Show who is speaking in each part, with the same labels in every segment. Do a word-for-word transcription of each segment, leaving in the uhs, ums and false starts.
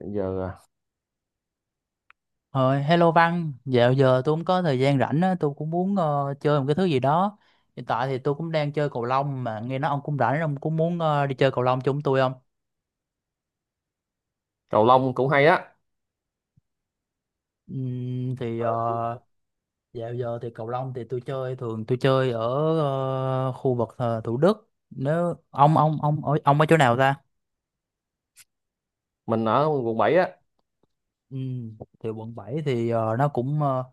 Speaker 1: Bây giờ à,
Speaker 2: Rồi, hello Văn, dạo giờ tôi cũng có thời gian rảnh á, tôi cũng muốn ờ, chơi một cái thứ gì đó. Hiện tại thì tôi cũng đang chơi cầu lông mà nghe nói ông cũng rảnh, ông cũng muốn ờ, đi chơi cầu lông chung tôi không?
Speaker 1: cầu lông cũng hay á.
Speaker 2: Ừm, thì ờ, dạo giờ thì cầu lông thì tôi chơi, thường tôi chơi ở ờ, khu vực ờ, Thủ Đức. Nếu ông ông ông ở ông ở chỗ nào ta?
Speaker 1: Mình ở quận bảy á.
Speaker 2: Ừm, thì quận bảy thì ờ, nó cũng ờ,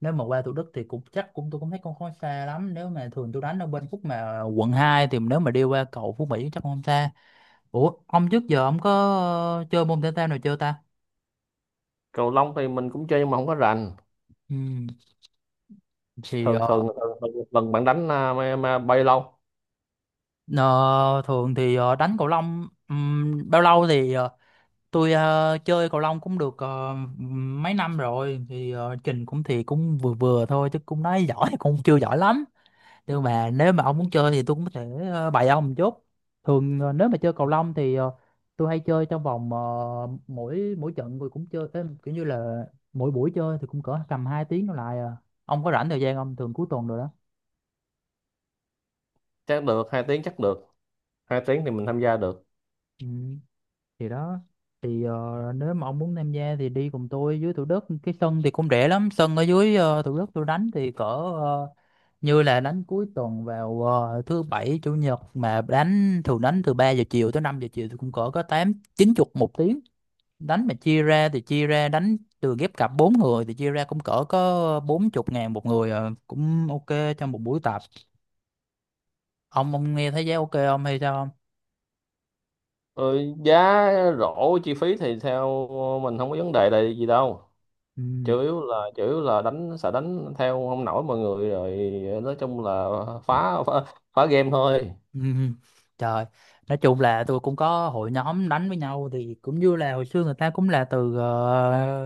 Speaker 2: nếu mà qua Thủ Đức thì cũng chắc cũng tôi cũng thấy cũng không xa lắm. Nếu mà thường tôi đánh ở bên khúc mà quận hai thì nếu mà đi qua cầu Phú Mỹ chắc không xa. Ủa, ông trước giờ ông có ờ, chơi môn thể thao nào chưa ta?
Speaker 1: Cầu lông thì mình cũng chơi nhưng mà không có rành.
Speaker 2: Ừ, thì
Speaker 1: Thường
Speaker 2: ờ,
Speaker 1: thường, thường, thường một lần bạn đánh à, mà, mà bay lâu.
Speaker 2: ờ, thường thì ờ, đánh cầu lông ừm, bao lâu thì ờ, tôi ờ, chơi cầu lông cũng được ờ, mấy năm rồi thì ờ, trình cũng thì cũng vừa vừa thôi chứ cũng nói giỏi cũng chưa giỏi lắm. Nhưng mà nếu mà ông muốn chơi thì tôi cũng có thể ờ, bày ông một chút. Thường ờ, nếu mà chơi cầu lông thì ờ, tôi hay chơi trong vòng ờ, mỗi mỗi trận tôi cũng chơi, ê, kiểu như là mỗi buổi chơi thì cũng cỡ tầm hai tiếng đổ lại à. Ông có rảnh thời gian không, thường cuối tuần rồi đó.
Speaker 1: Chắc được hai tiếng. Chắc được. Hai tiếng thì mình tham gia được.
Speaker 2: Ừ. Thì đó, thì ờ, nếu mà ông muốn tham gia thì đi cùng tôi dưới Thủ Đức, cái sân thì cũng rẻ lắm, sân ở dưới ờ, Thủ Đức tôi đánh thì cỡ ờ, như là đánh cuối tuần vào ờ, thứ bảy chủ nhật mà đánh, thường đánh từ ba giờ chiều tới năm giờ chiều thì cũng cỡ có tám chín chục một tiếng. Đánh mà chia ra thì chia ra đánh từ ghép cặp bốn người thì chia ra cũng cỡ có bốn chục ngàn một người, ờ, cũng ok trong một buổi tập. Ông ông nghe thấy giá ok không hay sao không?
Speaker 1: Ừ, giá, rổ chi phí thì theo mình không có vấn đề là gì đâu.
Speaker 2: Ừ.
Speaker 1: Chủ yếu là chủ yếu là đánh, sợ đánh theo không nổi mọi người rồi. Nói chung là phá phá, phá game thôi.
Speaker 2: Ừm, Trời, nói chung là tôi cũng có hội nhóm đánh với nhau thì cũng như là hồi xưa người ta cũng là từ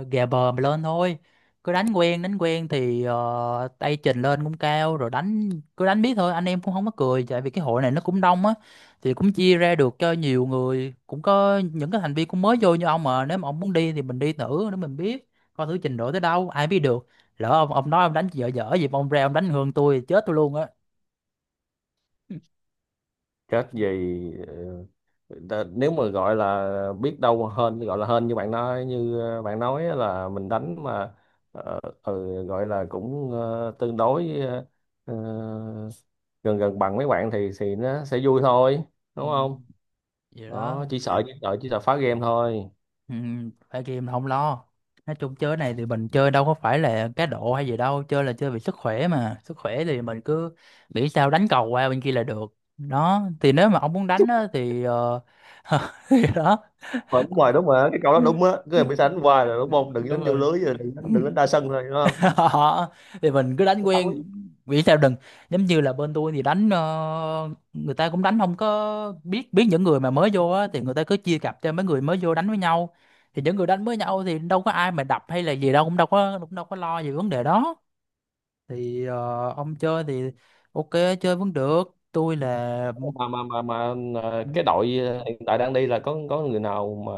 Speaker 2: uh, ghè bờ mà lên thôi. Cứ đánh quen, đánh quen thì ờ, tay trình lên cũng cao rồi, đánh cứ đánh biết thôi, anh em cũng không có cười tại vì cái hội này nó cũng đông á thì cũng chia ra được cho nhiều người, cũng có những cái thành viên cũng mới vô như ông mà nếu mà ông muốn đi thì mình đi thử để mình biết, coi thử trình độ tới đâu, ai biết được. Lỡ ông ông nói ông đánh dở dở gì mà ông ra ông đánh hơn tôi thì chết tôi luôn á.
Speaker 1: Chết gì. Nếu mà gọi là biết đâu hên, gọi là hên như bạn nói, như ờ, bạn nói á, là mình đánh mà, ờ, ừ, gọi là cũng ờ, tương đối, ờ, ờ, gần gần bằng mấy bạn thì thì nó sẽ vui thôi,
Speaker 2: Ừ,
Speaker 1: đúng không?
Speaker 2: vậy đó.
Speaker 1: Đó, chỉ sợ chỉ sợ chỉ sợ phá game thôi.
Speaker 2: Ừ, phải game là không lo, nói chung chơi này thì mình chơi đâu có phải là cá độ hay gì đâu, chơi là chơi vì sức khỏe, mà sức khỏe thì mình cứ nghĩ sao đánh cầu qua bên kia là được. Đó thì nếu mà ông muốn đánh á, thì ờ, thì đó.
Speaker 1: Rồi, đúng rồi, đúng rồi, cái câu đó đúng á, cứ bị đánh hoài là
Speaker 2: Ừ,
Speaker 1: đúng không, đừng
Speaker 2: đúng
Speaker 1: đánh vô
Speaker 2: rồi.
Speaker 1: lưới, rồi đừng đánh, đừng đánh đa sân thôi, đúng không?
Speaker 2: Đó, thì mình cứ đánh
Speaker 1: Cái thắng.
Speaker 2: quen vì sao đừng, giống như là bên tôi thì đánh ờ, người ta cũng đánh không có biết biết những người mà mới vô á thì người ta cứ chia cặp cho mấy người mới vô đánh với nhau. Thì những người đánh với nhau thì đâu có ai mà đập hay là gì đâu, cũng đâu có cũng đâu có lo về vấn đề đó. Thì ờ, ông chơi thì ok, chơi vẫn được. Tôi là...
Speaker 1: Mà mà mà mà ờ, cái đội ờ, hiện tại đang đi là có có người nào mà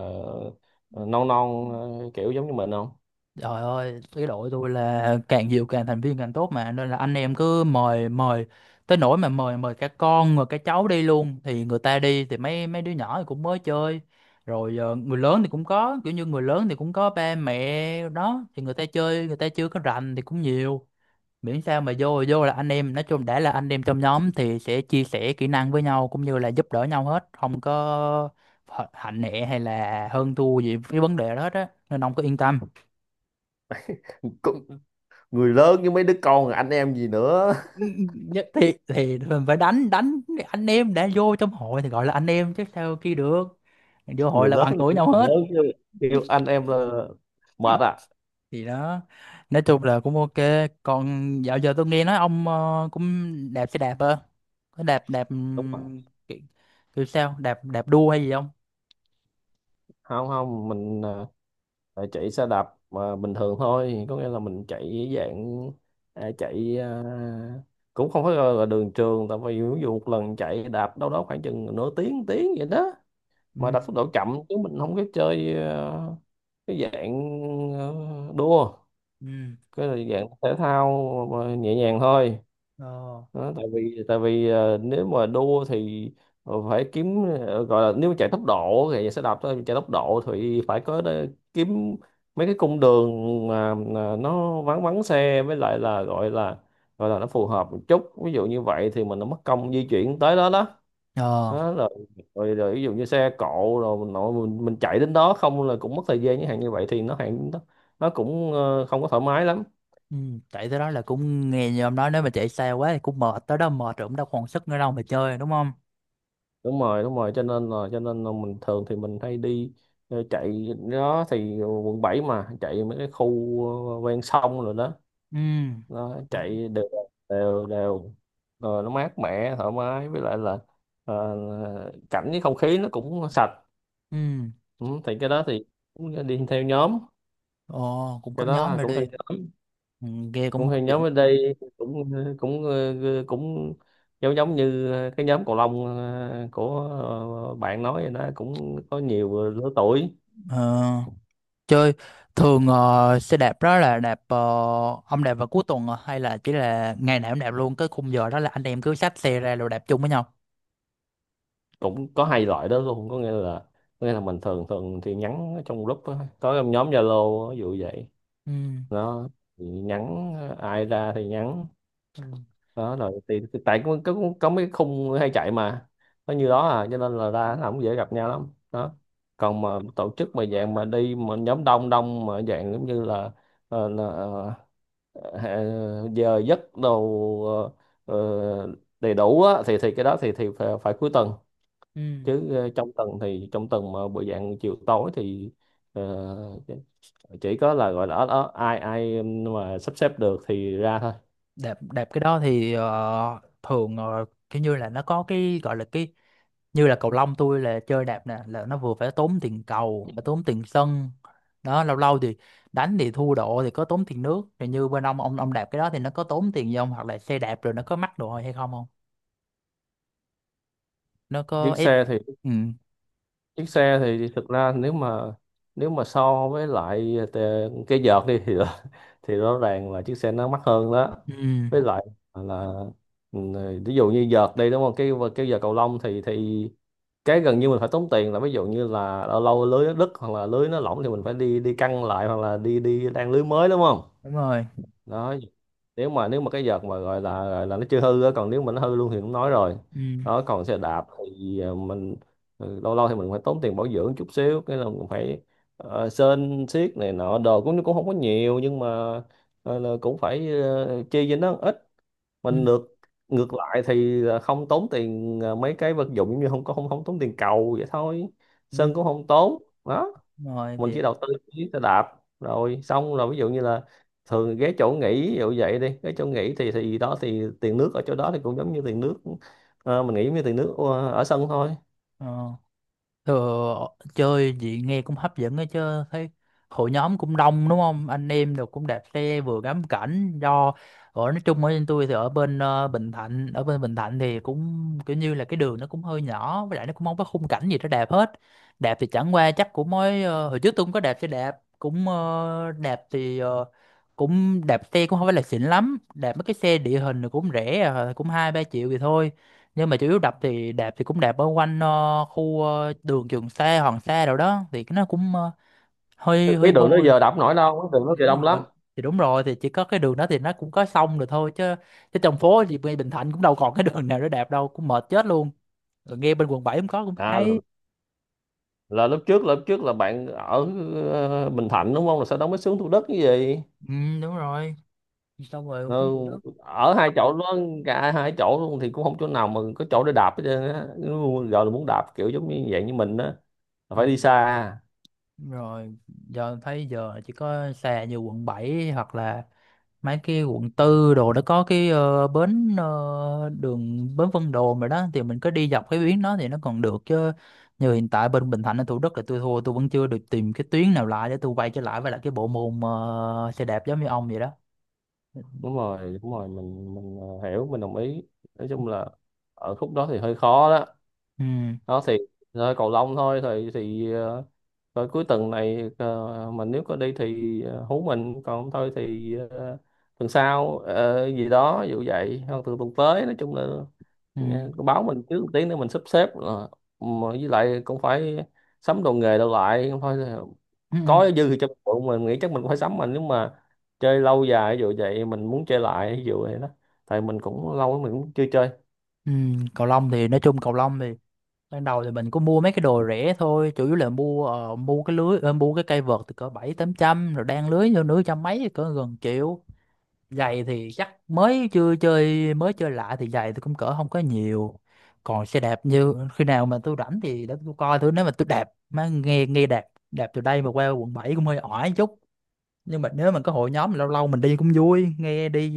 Speaker 1: ờ, non non ờ, kiểu giống như mình không?
Speaker 2: Trời ơi, cái đội tôi là càng nhiều càng thành viên càng tốt mà, nên là anh em cứ mời mời tới nỗi mà mời mời cả con rồi cả cháu đi luôn, thì người ta đi thì mấy mấy đứa nhỏ thì cũng mới chơi. Rồi ờ, người lớn thì cũng có, kiểu như người lớn thì cũng có ba mẹ đó thì người ta chơi, người ta chưa có rành thì cũng nhiều, miễn sao mà vô vô là anh em, nói chung đã là anh em trong nhóm thì sẽ chia sẻ kỹ năng với nhau cũng như là giúp đỡ nhau hết, không có hạnh nệ hay là hơn thua gì cái vấn đề đó hết á, nên ông cứ yên tâm.
Speaker 1: Có- Người lớn với mấy đứa con anh em gì nữa.
Speaker 2: Nhất thì thì mình phải đánh đánh, anh em đã vô trong hội thì gọi là anh em chứ sao kia được, vô hội
Speaker 1: Người
Speaker 2: là
Speaker 1: lớn
Speaker 2: bằng
Speaker 1: thì
Speaker 2: tuổi
Speaker 1: biết
Speaker 2: nhau
Speaker 1: người
Speaker 2: hết.
Speaker 1: lớn chứ, kêu anh em là mệt à.
Speaker 2: Thì đó, nói chung là cũng ok. Còn dạo giờ tôi nghe nói ông ờ, cũng đạp xe đạp ơ, có đạp đạp
Speaker 1: Đúng rồi.
Speaker 2: ừm, kiểu, kiểu sao đạp, đạp đua hay gì không?
Speaker 1: Không, không, mình ờ, chạy xe đạp mà bình thường thôi, có nghĩa là mình chạy dạng, ờ, chạy ờ, cũng không phải gọi là đường trường, tại vì ví dụ một lần chạy đạp đâu đó khoảng chừng nửa tiếng, tiếng vậy đó,
Speaker 2: Ừ.
Speaker 1: mà đặt tốc độ chậm, chứ mình không có chơi ờ, cái dạng, ờ, đua.
Speaker 2: Ừ.
Speaker 1: Cái là dạng thể thao mà nhẹ nhàng thôi.
Speaker 2: Ờ.
Speaker 1: Đó, tại vì tại vì ờ, nếu mà đua thì ờ, phải kiếm, ờ, gọi là nếu chạy tốc độ thì sẽ đạp thôi, chạy tốc độ thì phải có đe- kiếm mấy cái cung đường mà mà nó vắng vắng xe, với lại là gọi là, gọi là nó phù hợp một chút, ví dụ như vậy, thì mình nó mất công di chuyển tới đó đó.
Speaker 2: Ờ.
Speaker 1: Đó rồi, rồi rồi ví dụ như xe cộ, rồi mình nội mình, mình chạy đến đó không là cũng mất thời gian, những hàng như vậy thì nó hàng nó, nó cũng ờ, không có thoải mái lắm.
Speaker 2: Ừ. Chạy tới đó là cũng nghe như ông nói, nếu mà chạy xa quá thì cũng mệt, tới đó mệt rồi cũng đâu còn sức nữa đâu mà chơi đúng không?
Speaker 1: Đúng rồi, đúng rồi, cho nên là cho nên là mình thường thì mình hay đi ờ, chạy đó, thì quận bảy mà chạy mấy cái khu ờ, ven sông rồi đó,
Speaker 2: Ừ.
Speaker 1: nó chạy đều, đều đều, rồi nó mát mẻ thoải mái, với lại là ờ, cảnh với không khí nó cũng sạch.
Speaker 2: Ừ.
Speaker 1: Ừ, thì cái đó thì cũng đi theo nhóm.
Speaker 2: Ồ, cũng có
Speaker 1: Cái
Speaker 2: nhóm
Speaker 1: đó
Speaker 2: rồi
Speaker 1: cũng theo
Speaker 2: đi.
Speaker 1: nhóm.
Speaker 2: Ừ, nghe cũng
Speaker 1: Cũng
Speaker 2: hấp
Speaker 1: hay, nhóm
Speaker 2: dẫn.
Speaker 1: ở đây cũng cũng ờ, cũng giống giống như cái nhóm cầu lông ờ, của, ờ, bạn nói vậy đó, cũng có nhiều lứa tuổi.
Speaker 2: Ờ, chơi thường ờ, xe đạp đó là đạp ờ, ông đạp vào cuối tuần à? Hay là chỉ là ngày nào cũng đạp luôn cái khung giờ đó là anh em cứ xách xe ra rồi đạp chung với nhau.
Speaker 1: Cũng có hai loại đó luôn, có nghĩa là, có nghĩa là mình thường thường thì nhắn ở trong group á, có trong nhóm Zalo ví dụ vậy.
Speaker 2: Ừ.
Speaker 1: Nó thì nhắn ờ, ai ra thì nhắn.
Speaker 2: Ừ.
Speaker 1: Đó rồi thì, thì tại có, có có mấy khung hay chạy mà nó như đó à, cho nên là ra nó không dễ gặp nhau lắm. Đó, còn mà tổ chức mà dạng mà đi mà nhóm đông đông mà dạng giống như là, ờ, là ờ, ờ, giờ giấc đồ ờ, ờ, đầy đủ á, thì thì cái đó thì thì phải, phải cuối tuần,
Speaker 2: Ừ.
Speaker 1: chứ ờ, trong tuần thì trong tuần mà buổi dạng chiều tối thì ờ, chỉ có là gọi là ở, ở ai ai mà sắp xếp được thì ra thôi.
Speaker 2: Đạp đạp cái đó thì ờ, thường ờ, kiểu như là nó có cái gọi là cái, như là cầu lông tôi là chơi đạp nè, là nó vừa phải tốn tiền cầu phải tốn tiền sân, đó lâu lâu thì đánh thì thua độ thì có tốn tiền nước, rồi như bên ông, ông ông đạp cái đó thì nó có tốn tiền gì không, hoặc là xe đạp rồi nó có mắc đồ hay không không, nó có
Speaker 1: Chiếc
Speaker 2: ép...
Speaker 1: xe thì,
Speaker 2: Ừ.
Speaker 1: chiếc xe thì thực ra nếu mà, nếu mà so với lại tè- cái vợt đi thì rõ- thì rõ ràng là chiếc xe nó mắc hơn đó,
Speaker 2: Ừ.
Speaker 1: với lại là, ừ, ví dụ như vợt đi đúng không, cái cái vợt cầu lông thì, thì cái gần như mình phải tốn tiền là, ví dụ như là lâu lâu lưới nó đứt, hoặc là lưới nó lỏng thì mình phải đi đi căng lại, hoặc là đi đi đan lưới mới, đúng không?
Speaker 2: Đúng rồi.
Speaker 1: Đó, nếu mà, nếu mà cái vợt mà gọi là, gọi là nó chưa hư á, còn nếu mà nó hư luôn thì cũng nói rồi.
Speaker 2: ừ
Speaker 1: Đó, còn xe đạp thì ờ, mình, ừ, lâu lâu thì mình phải tốn tiền bảo dưỡng chút xíu, cái là mình phải ờ, sơn xiết này nọ đồ, cũng cũng không có nhiều, nhưng mà ờ, là cũng phải ờ, chi cho nó ít.
Speaker 2: ừ,
Speaker 1: Mình ngược, ngược lại thì là không tốn tiền ờ, mấy cái vật dụng, giống như không có, không không tốn tiền cầu vậy thôi.
Speaker 2: ừ.
Speaker 1: Sơn cũng không tốn đó.
Speaker 2: Đúng rồi
Speaker 1: Mình
Speaker 2: thì
Speaker 1: chỉ đầu tư cái xe đạp, rồi xong rồi ví dụ như là thường ghé chỗ nghỉ ví dụ vậy đi, cái chỗ nghỉ thì thì đó thì tiền nước ở chỗ đó thì cũng giống như tiền nước ờ, mình nghĩ như tiền nước ờ, ở sân thôi.
Speaker 2: ờ. ờ. Chơi gì nghe cũng hấp dẫn ấy chứ, thấy hội nhóm cũng đông đúng không, anh em được cũng đạp xe vừa ngắm cảnh. Do ở, nói chung ở bên tôi thì ở bên ờ, Bình Thạnh, ở bên Bình Thạnh thì cũng kiểu như là cái đường nó cũng hơi nhỏ với lại nó cũng không có khung cảnh gì để đạp hết. Đạp thì chẳng qua chắc cũng mới ờ, hồi trước tôi cũng có đạp xe đạp, cũng ờ, đạp thì ờ, cũng đạp xe cũng không phải là xịn lắm, đạp mấy cái xe địa hình thì cũng rẻ à, cũng hai ba triệu thì thôi. Nhưng mà chủ yếu đập thì đạp thì cũng đạp ở quanh ờ, khu ờ, đường Trường Sa Hoàng Sa đâu đó thì cái nó cũng ờ, hơi hơi
Speaker 1: Cái đường đó
Speaker 2: hôi.
Speaker 1: giờ đạp nổi đâu, cái đường đó
Speaker 2: Thì
Speaker 1: giờ
Speaker 2: đúng
Speaker 1: đông
Speaker 2: rồi,
Speaker 1: lắm.
Speaker 2: thì đúng rồi, thì chỉ có cái đường đó thì nó cũng có sông rồi thôi chứ, chứ trong phố thì ngay Bình Thạnh cũng đâu còn cái đường nào để đạp đâu, cũng mệt chết luôn. Rồi nghe bên quận bảy cũng có cũng
Speaker 1: à là,
Speaker 2: hay.
Speaker 1: là lúc trước, là lúc trước là bạn ở ờ, Bình Thạnh đúng không, là sau đó mới xuống Thủ Đức cái gì.
Speaker 2: Ừ, đúng rồi, xong rồi cũng xuống
Speaker 1: Ừ,
Speaker 2: Thủ Đức.
Speaker 1: ở hai chỗ đó, cả hai chỗ luôn thì cũng không chỗ nào mà có chỗ để đạp hết trơn á. Nó gọi là muốn đạp kiểu giống như vậy như mình á, là
Speaker 2: Ừ,
Speaker 1: phải đi xa.
Speaker 2: đúng rồi. Giờ thấy giờ chỉ có xe như quận bảy, hoặc là mấy cái quận tư đồ đó có cái ờ, bến ờ, đường bến Vân Đồn rồi đó, thì mình cứ đi dọc cái tuyến đó thì nó còn được chứ. Như hiện tại bên Bình Thạnh ở Thủ Đức là tôi thua, tôi vẫn chưa được tìm cái tuyến nào lại để tôi quay trở lại với lại cái bộ môn ờ, xe đạp giống như ông vậy đó. Ừ.
Speaker 1: Đúng rồi, đúng rồi, mình mình ờ, hiểu, mình đồng ý. Nói chung là ở khúc đó thì hơi khó đó, nó thì, thôi cầu lông thôi thì thì ờ, rồi cuối tuần này ờ, mình nếu có đi thì ờ, hú mình, còn không thôi thì ờ, tuần sau ờ, gì đó vụ vậy, hoặc từ tuần tới, nói chung là
Speaker 2: Ừ.
Speaker 1: ờ, báo mình trước một tiếng để mình sắp xếp, là mà với lại cũng phải sắm đồ nghề đâu lại không thôi.
Speaker 2: Ừ. Ừ.
Speaker 1: Có dư thì cho mình mình nghĩ chắc mình cũng phải sắm, mà nếu mà chơi lâu dài ví dụ vậy, mình muốn chơi lại ví dụ vậy đó, tại mình cũng lâu lắm mình cũng chưa chơi.
Speaker 2: Ừ. Cầu lông thì nói chung cầu lông thì ban đầu thì mình có mua mấy cái đồ rẻ thôi, chủ yếu là mua ờ, mua cái lưới, ờ, mua cái cây vợt từ cỡ bảy tám trăm, rồi đan lưới vô nửa trăm mấy, cỡ gần triệu. Giày thì chắc mới chưa chơi, mới chơi lại thì giày tôi cũng cỡ không có nhiều. Còn xe đạp như khi nào mà tôi rảnh thì để tôi coi thử, nếu mà tôi đạp má nghe, nghe đạp, đạp từ đây mà qua quận bảy cũng hơi ỏi chút. Nhưng mà nếu mà có hội nhóm lâu lâu mình đi cũng vui nghe, đi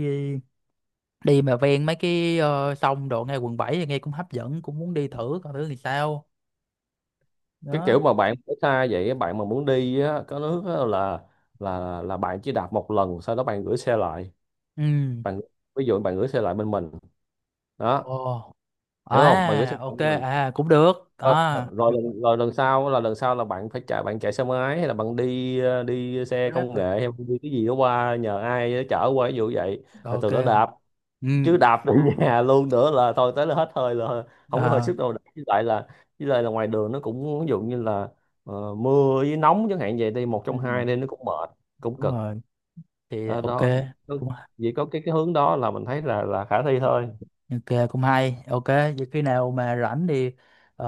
Speaker 2: đi mà ven mấy cái ờ, sông đồ ngay quận bảy thì nghe cũng hấp dẫn, cũng muốn đi thử coi thử thì sao.
Speaker 1: Cái
Speaker 2: Đó.
Speaker 1: kiểu mà bạn ở xa vậy, bạn mà muốn đi á, có nước á là là là bạn chỉ đạp một lần, sau đó bạn gửi xe lại.
Speaker 2: Ừ.
Speaker 1: Bạn, ví dụ bạn gửi xe lại bên mình. Đó,
Speaker 2: Ồ.
Speaker 1: hiểu không, bạn gửi xe
Speaker 2: À
Speaker 1: lại
Speaker 2: ok,
Speaker 1: bên mình,
Speaker 2: à cũng được
Speaker 1: rồi
Speaker 2: à.
Speaker 1: rồi lần, rồi lần sau là, lần sau là bạn phải chạy, bạn chạy xe máy hay là bạn đi ờ, đi xe công
Speaker 2: Rap.
Speaker 1: nghệ, hay đi cái gì đó qua, nhờ ai đó chở qua ví dụ vậy, là
Speaker 2: Ok.
Speaker 1: từ đó đạp.
Speaker 2: Ừ.
Speaker 1: Chứ đạp về nhà luôn nữa là thôi, tới là hết hơi, là không có hơi
Speaker 2: À.
Speaker 1: sức đâu. với lại là với lại là ngoài đường nó cũng ví dụ như là ờ, mưa với nóng chẳng hạn vậy, đi một trong hai
Speaker 2: Ừ.
Speaker 1: nên nó cũng mệt, cũng
Speaker 2: Đúng
Speaker 1: cực.
Speaker 2: rồi thì
Speaker 1: Đó,
Speaker 2: ok.
Speaker 1: đó,
Speaker 2: Cũng
Speaker 1: chỉ có cái cái hướng đó là mình thấy là là khả thi thôi.
Speaker 2: ok, cũng hay, ok vậy khi nào mà rảnh thì ờ,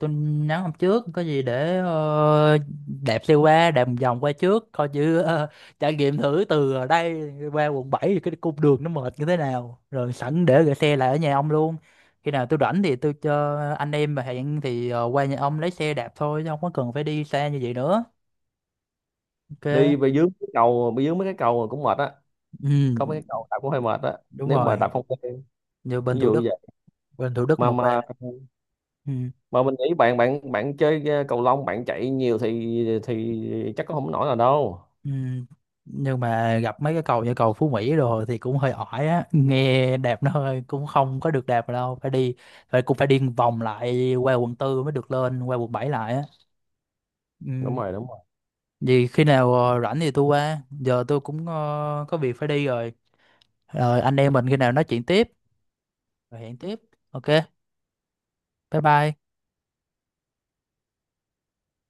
Speaker 2: tôi nhắn hôm trước có gì để ờ, đẹp xe qua, đẹp một vòng qua trước coi như ờ, trải nghiệm thử từ ở đây qua quận bảy thì cái cung đường nó mệt như thế nào, rồi sẵn để gửi xe lại ở nhà ông luôn. Khi nào tôi rảnh thì tôi cho anh em mà hẹn thì ờ, qua nhà ông lấy xe đạp thôi chứ không có cần phải đi xa như vậy nữa. Ok.
Speaker 1: Đi về dưới cái cầu, bị dưới mấy cái cầu cũng mệt á,
Speaker 2: Ừ,
Speaker 1: có mấy cái cầu đạp cũng hơi mệt á,
Speaker 2: đúng
Speaker 1: nếu
Speaker 2: rồi.
Speaker 1: mà đạp không quen,
Speaker 2: Như bên
Speaker 1: ví
Speaker 2: Thủ
Speaker 1: dụ
Speaker 2: Đức,
Speaker 1: vậy.
Speaker 2: bên Thủ Đức
Speaker 1: mà
Speaker 2: một ba.
Speaker 1: mà
Speaker 2: Ừ.
Speaker 1: mà mình nghĩ bạn, bạn bạn chơi ờ, cầu lông bạn chạy nhiều thì thì chắc có không nổi là đâu.
Speaker 2: Ừ. Nhưng mà gặp mấy cái cầu như cầu Phú Mỹ rồi thì cũng hơi ỏi á nghe, đẹp nó hơi cũng không có được đẹp đâu, phải đi phải cũng phải đi vòng lại qua quận tư mới được lên qua quận bảy lại á.
Speaker 1: Đúng
Speaker 2: Ừ.
Speaker 1: rồi, đúng
Speaker 2: Vì khi nào ờ, rảnh thì tôi qua, giờ tôi cũng ờ, có việc phải đi rồi, rồi anh em mình khi nào nói chuyện tiếp, rồi hẹn tiếp. Ok, bye bye.